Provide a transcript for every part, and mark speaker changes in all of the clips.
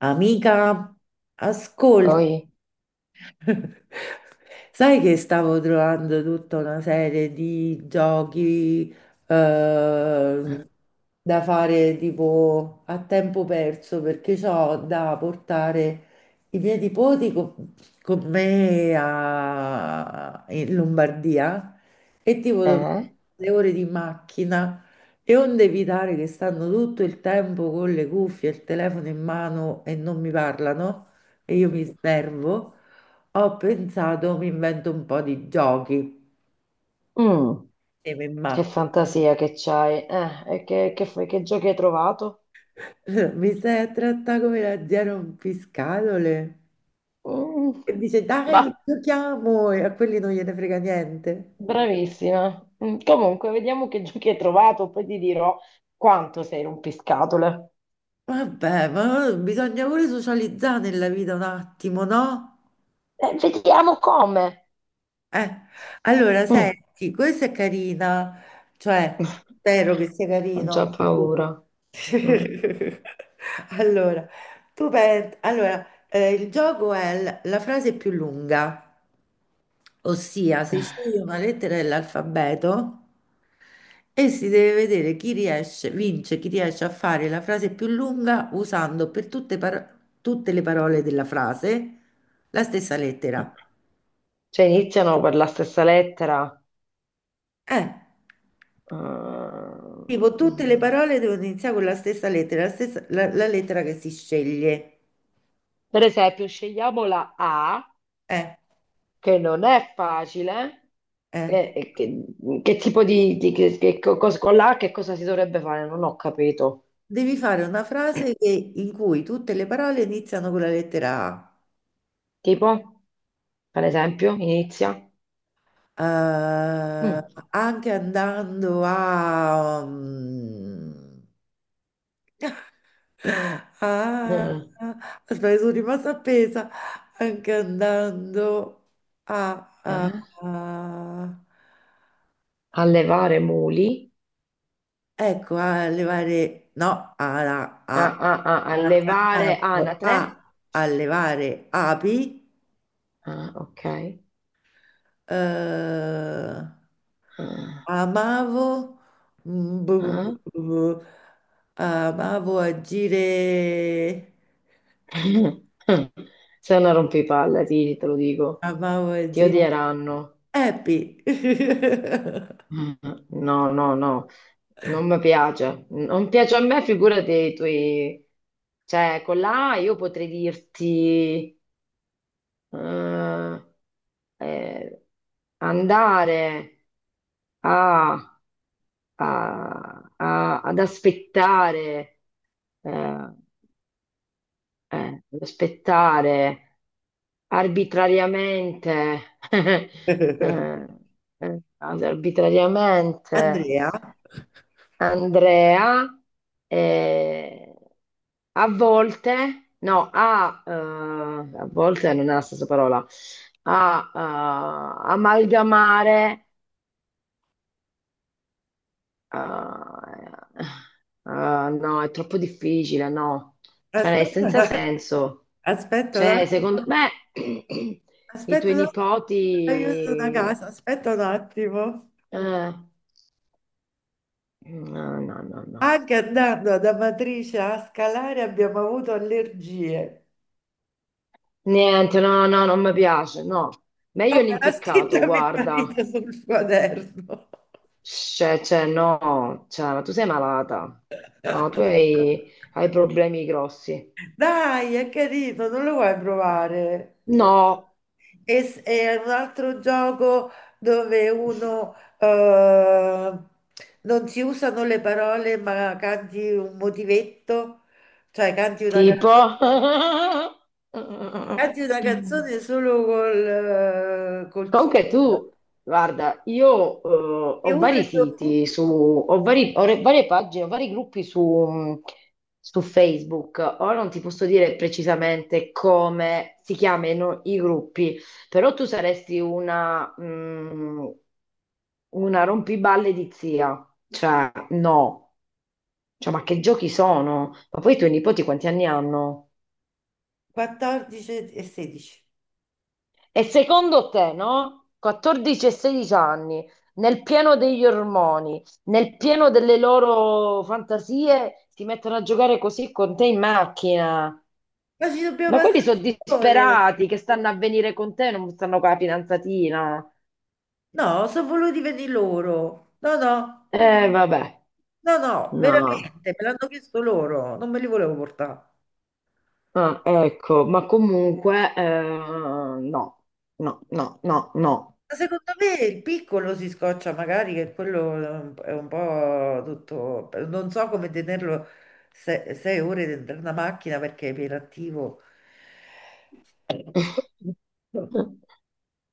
Speaker 1: Amica, ascolta,
Speaker 2: Poi,
Speaker 1: sai che stavo trovando tutta una serie di giochi eh, da fare tipo a tempo perso perché ho da portare i miei nipoti con, in Lombardia e
Speaker 2: eh?
Speaker 1: le ore di macchina, e onde evitare che stanno tutto il tempo con le cuffie e il telefono in mano e non mi parlano e io mi snervo. Ho pensato, mi invento un po' di giochi
Speaker 2: Mm,
Speaker 1: insieme in
Speaker 2: che
Speaker 1: macchina.
Speaker 2: fantasia che c'hai. E che giochi hai trovato?
Speaker 1: Mi stai a trattare come la zia rompiscatole?
Speaker 2: Mm,
Speaker 1: E dice, dai,
Speaker 2: bah,
Speaker 1: giochiamo! E a quelli non gliene frega niente.
Speaker 2: bravissima. Mm, comunque, vediamo che giochi hai trovato, poi ti dirò quanto sei rompiscatole.
Speaker 1: Vabbè, ma bisogna pure socializzare nella vita un attimo, no?
Speaker 2: Vediamo come.
Speaker 1: Eh, allora,
Speaker 2: Mm.
Speaker 1: senti, questa è carina, cioè, spero che sia
Speaker 2: Ho già
Speaker 1: carino.
Speaker 2: paura. Mm.
Speaker 1: Allora, tu pensi, allora, il gioco è la frase più lunga, ossia si sceglie una lettera dell'alfabeto e si deve vedere chi riesce, vince, chi riesce a fare la frase più lunga usando per tutte, tutte le parole della frase la stessa lettera.
Speaker 2: Cioè, iniziano per la stessa lettera.
Speaker 1: Eh. Tipo,
Speaker 2: Eh,
Speaker 1: tutte le parole devono iniziare con la stessa lettera, la lettera che si sceglie.
Speaker 2: Per esempio, scegliamo la A,
Speaker 1: Eh,
Speaker 2: che non è facile.
Speaker 1: eh.
Speaker 2: Eh, eh, che, che tipo con l'H che cosa si dovrebbe fare? Non ho capito.
Speaker 1: Devi fare una frase in cui tutte le parole iniziano con la lettera A.
Speaker 2: Tipo, per esempio, inizia.
Speaker 1: Eh,
Speaker 2: Mm.
Speaker 1: anche andando a... a...
Speaker 2: Mm.
Speaker 1: Aspetta, sono rimasta appesa. Anche andando a...
Speaker 2: Ah,
Speaker 1: a-
Speaker 2: allevare muli,
Speaker 1: ecco, a levare, no, a,
Speaker 2: ah,
Speaker 1: a,
Speaker 2: ah, ah,
Speaker 1: a,
Speaker 2: allevare
Speaker 1: cantando,
Speaker 2: anatre.
Speaker 1: a, a levare api,
Speaker 2: Ah, ok.
Speaker 1: eh,
Speaker 2: Ah,
Speaker 1: amavo, mm, bu- bu-
Speaker 2: ah.
Speaker 1: bu- bu- amavo agire,
Speaker 2: Sei una rompipalle, ti, te lo dico.
Speaker 1: amavo
Speaker 2: Ti
Speaker 1: agire,
Speaker 2: odieranno.
Speaker 1: happy.
Speaker 2: Mm. No, no, no, non mi piace. Non piace a me, figurati i tuoi. Cioè, con la A io potrei dirti, eh, eh, andare a- a- a- ad aspettare, eh, ad aspettare arbitrariamente, eh, arbitrariamente.
Speaker 1: Andrea,
Speaker 2: Andrea, eh, a volte, no, a, a volte non è la stessa parola, a amalgamare, eh, no, è troppo difficile, no, cioè è senza
Speaker 1: aspetta,
Speaker 2: senso.
Speaker 1: aspetta, un
Speaker 2: Cioè,
Speaker 1: att-
Speaker 2: secondo me, i
Speaker 1: aspetta
Speaker 2: tuoi
Speaker 1: un attimo, aiuto da
Speaker 2: nipoti...
Speaker 1: casa, aspetta un attimo.
Speaker 2: eh, no, no, no, no.
Speaker 1: Anche andando ad Amatrice a scalare abbiamo avuto allergie.
Speaker 2: Niente, no, no, non mi piace, no.
Speaker 1: No,
Speaker 2: Meglio
Speaker 1: me l'ha
Speaker 2: l'impiccato,
Speaker 1: scritta mio marito
Speaker 2: guarda.
Speaker 1: sul quaderno.
Speaker 2: Cioè, no, cioè, ma tu sei malata. No, tu hai, hai problemi grossi.
Speaker 1: Dai, è carino, non lo vuoi provare?
Speaker 2: No,
Speaker 1: E, e un altro gioco dove uno non si usano le parole, ma canti un motivetto, cioè
Speaker 2: tipo...
Speaker 1: canti una canzone solo col, col suono.
Speaker 2: Comunque tu, guarda, io
Speaker 1: E
Speaker 2: ho
Speaker 1: uno
Speaker 2: vari
Speaker 1: e due.
Speaker 2: siti su, ho, varie pagine, ho vari gruppi su, su Facebook. Ora non ti posso dire precisamente come si chiamano i gruppi, però tu saresti una, mm, una rompiballe di zia. Cioè, no. Cioè, ma che giochi sono? Ma poi i tuoi nipoti quanti anni hanno?
Speaker 1: 14 e 16.
Speaker 2: E secondo te, no? 14 e 16 anni, nel pieno degli ormoni, nel pieno delle loro fantasie, si mettono a giocare così con te in macchina.
Speaker 1: Ma ci dobbiamo
Speaker 2: Ma
Speaker 1: passare
Speaker 2: quelli sono
Speaker 1: le ore.
Speaker 2: disperati che stanno a venire con te, non stanno con la fidanzatina.
Speaker 1: No, sono voluti venire loro. No, no,
Speaker 2: Vabbè,
Speaker 1: no, no,
Speaker 2: no.
Speaker 1: veramente, me l'hanno chiesto loro, non me li volevo portare.
Speaker 2: Ah, ecco, ma comunque, no, no, no, no, no.
Speaker 1: Ma secondo me il piccolo si scoccia magari, che quello è un po' tutto... Non so come tenerlo sei ore dentro una macchina perché è iperattivo.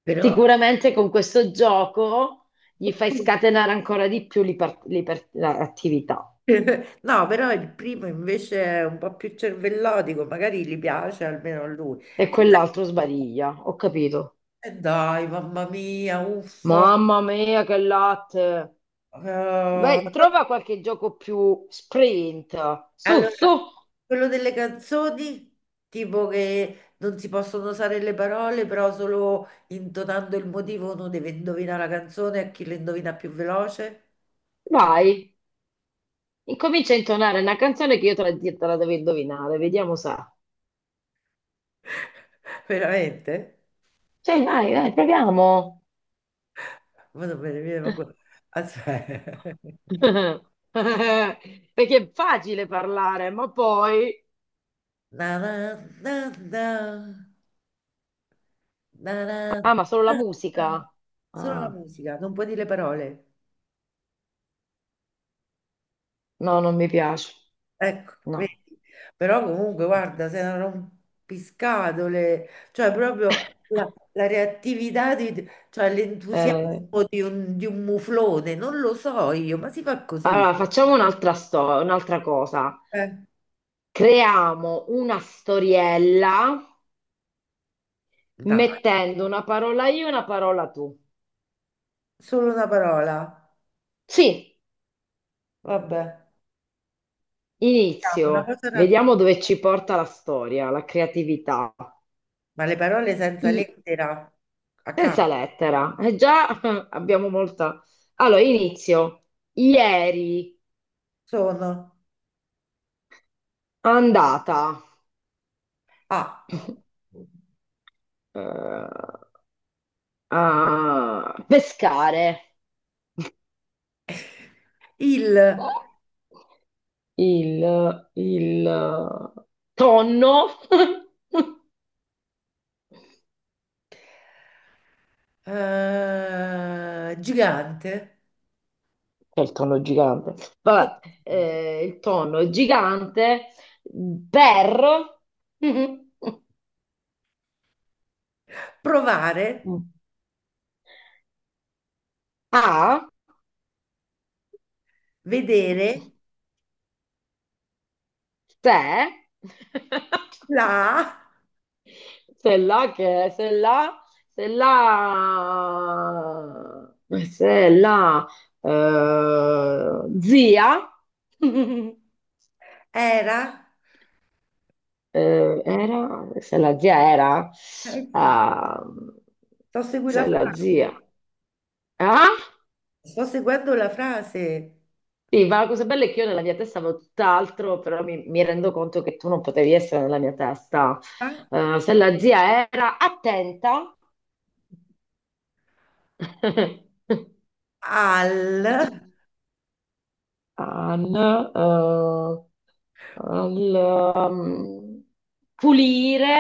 Speaker 1: Però...
Speaker 2: Sicuramente con questo gioco gli fai scatenare ancora di più l'attività
Speaker 1: No, però il primo invece è un po' più cervellotico, magari gli piace almeno a lui.
Speaker 2: e
Speaker 1: E poi,
Speaker 2: quell'altro sbariglia, ho capito.
Speaker 1: dai, mamma mia, uffa.
Speaker 2: Mamma mia, che latte!
Speaker 1: Eh,
Speaker 2: Beh, trova qualche gioco più sprint. Su, su,
Speaker 1: allora, quello delle canzoni, tipo che non si possono usare le parole, però solo intonando il motivo uno deve indovinare la canzone a chi la indovina più veloce.
Speaker 2: vai. Incomincia a intonare una canzone che io te la devo indovinare, vediamo se.
Speaker 1: Veramente?
Speaker 2: Cioè, dai, dai, proviamo.
Speaker 1: Ma non me ne viene manco- Aspetta.
Speaker 2: Perché è facile parlare, ma poi.
Speaker 1: Na na na na. Na, na,
Speaker 2: Ah, ma solo la
Speaker 1: na, na.
Speaker 2: musica.
Speaker 1: Solo la
Speaker 2: Ah.
Speaker 1: musica, non puoi dire le parole.
Speaker 2: No, non mi piace.
Speaker 1: Ecco,
Speaker 2: No.
Speaker 1: vedi. Però comunque, guarda, sei una rompiscatole, cioè proprio la, la reattività, cioè l'entusiasmo
Speaker 2: Eh,
Speaker 1: di un muflone, non lo so io, ma si fa così.
Speaker 2: allora, facciamo un'altra cosa.
Speaker 1: Eh,
Speaker 2: Creiamo una storiella
Speaker 1: dai,
Speaker 2: mettendo una parola io e una parola tu.
Speaker 1: solo una parola.
Speaker 2: Sì,
Speaker 1: Vabbè, diciamo una
Speaker 2: inizio.
Speaker 1: cosa
Speaker 2: Vediamo dove ci porta la storia, la creatività.
Speaker 1: ma le parole senza
Speaker 2: I-
Speaker 1: lettera a
Speaker 2: senza
Speaker 1: caso
Speaker 2: lettera. Già abbiamo molta... Allora, inizio. Ieri
Speaker 1: sono
Speaker 2: andata
Speaker 1: A,
Speaker 2: eh, a pescare.
Speaker 1: il.
Speaker 2: il, il tonno, che
Speaker 1: Eh, gigante,
Speaker 2: è il tonno gigante, vabbè, il tonno gigante per
Speaker 1: provare,
Speaker 2: a
Speaker 1: vedere,
Speaker 2: se
Speaker 1: la
Speaker 2: se là che se là se là se là zia
Speaker 1: era,
Speaker 2: era, se la zia era,
Speaker 1: eh sì,
Speaker 2: ah,
Speaker 1: sto seguendo
Speaker 2: se
Speaker 1: la
Speaker 2: la
Speaker 1: frase,
Speaker 2: zia, ah,
Speaker 1: sto seguendo la frase,
Speaker 2: sì, ma la cosa bella è che io nella mia testa avevo tutt'altro, però mi rendo conto che tu non potevi essere nella mia testa.
Speaker 1: ah,
Speaker 2: Se la zia era attenta,
Speaker 1: al,
Speaker 2: an, al, um, pulire,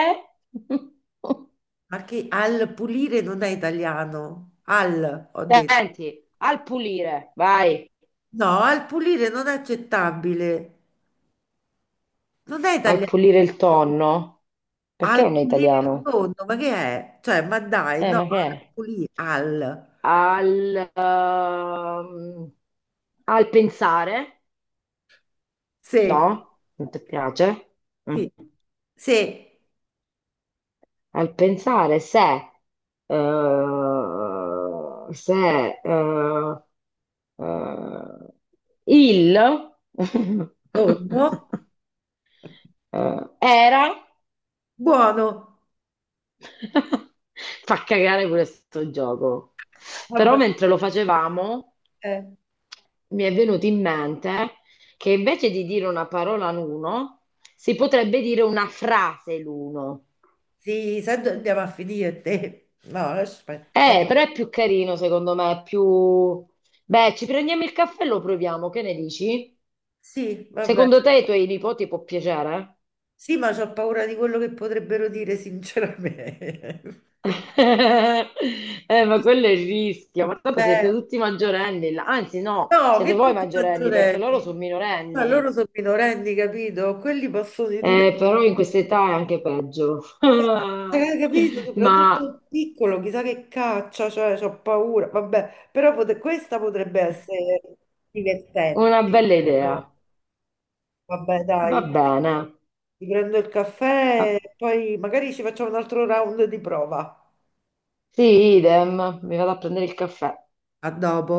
Speaker 1: ma che al pulire non è italiano, al, ho detto,
Speaker 2: attenti, al pulire, vai.
Speaker 1: no, al pulire non è accettabile, non è
Speaker 2: Al
Speaker 1: italiano,
Speaker 2: pulire il tonno? Perché
Speaker 1: al
Speaker 2: non è
Speaker 1: pulire il
Speaker 2: italiano?
Speaker 1: fondo, ma che è? Cioè, ma dai, no,
Speaker 2: Ma che
Speaker 1: al
Speaker 2: è?
Speaker 1: pulire, al,
Speaker 2: Al, al pensare.
Speaker 1: sì.
Speaker 2: No? Non ti piace? Mm.
Speaker 1: Sì, sì,
Speaker 2: Al pensare se, se eh, eh, il
Speaker 1: tonno,
Speaker 2: era.
Speaker 1: buono.
Speaker 2: Fa cagare questo gioco. Però
Speaker 1: Vabbè,
Speaker 2: mentre lo facevamo
Speaker 1: eh,
Speaker 2: mi è venuto in mente che invece di dire una parola l'uno, si potrebbe dire una frase l'uno.
Speaker 1: sì, sai dove andiamo a finire te? No, aspetta, guarda.
Speaker 2: Però è più carino secondo me, è più... Beh, ci prendiamo il caffè e lo proviamo, che ne dici?
Speaker 1: Sì, vabbè.
Speaker 2: Secondo te ai tuoi nipoti può piacere?
Speaker 1: Sì, ma ho paura di quello che potrebbero dire, sinceramente.
Speaker 2: Ma quello è il rischio, ma dopo siete
Speaker 1: Eh,
Speaker 2: tutti maggiorenni, là. Anzi no,
Speaker 1: no,
Speaker 2: siete
Speaker 1: che
Speaker 2: voi
Speaker 1: tutti
Speaker 2: maggiorenni perché loro
Speaker 1: maggiorenni.
Speaker 2: sono
Speaker 1: Ma loro
Speaker 2: minorenni.
Speaker 1: sono minorenni, capito? Quelli possono dire.
Speaker 2: Però in questa età è anche peggio.
Speaker 1: Cioè, hai capito? Soprattutto
Speaker 2: Ma
Speaker 1: il piccolo, chissà che caccia, cioè, ho paura. Vabbè, però questa potrebbe essere
Speaker 2: una
Speaker 1: divertente.
Speaker 2: bella idea,
Speaker 1: No, vabbè,
Speaker 2: va
Speaker 1: dai,
Speaker 2: bene.
Speaker 1: ti prendo il caffè
Speaker 2: Ah,
Speaker 1: e poi magari ci facciamo un altro round di prova.
Speaker 2: sì, idem, mi vado a prendere il caffè.
Speaker 1: A dopo.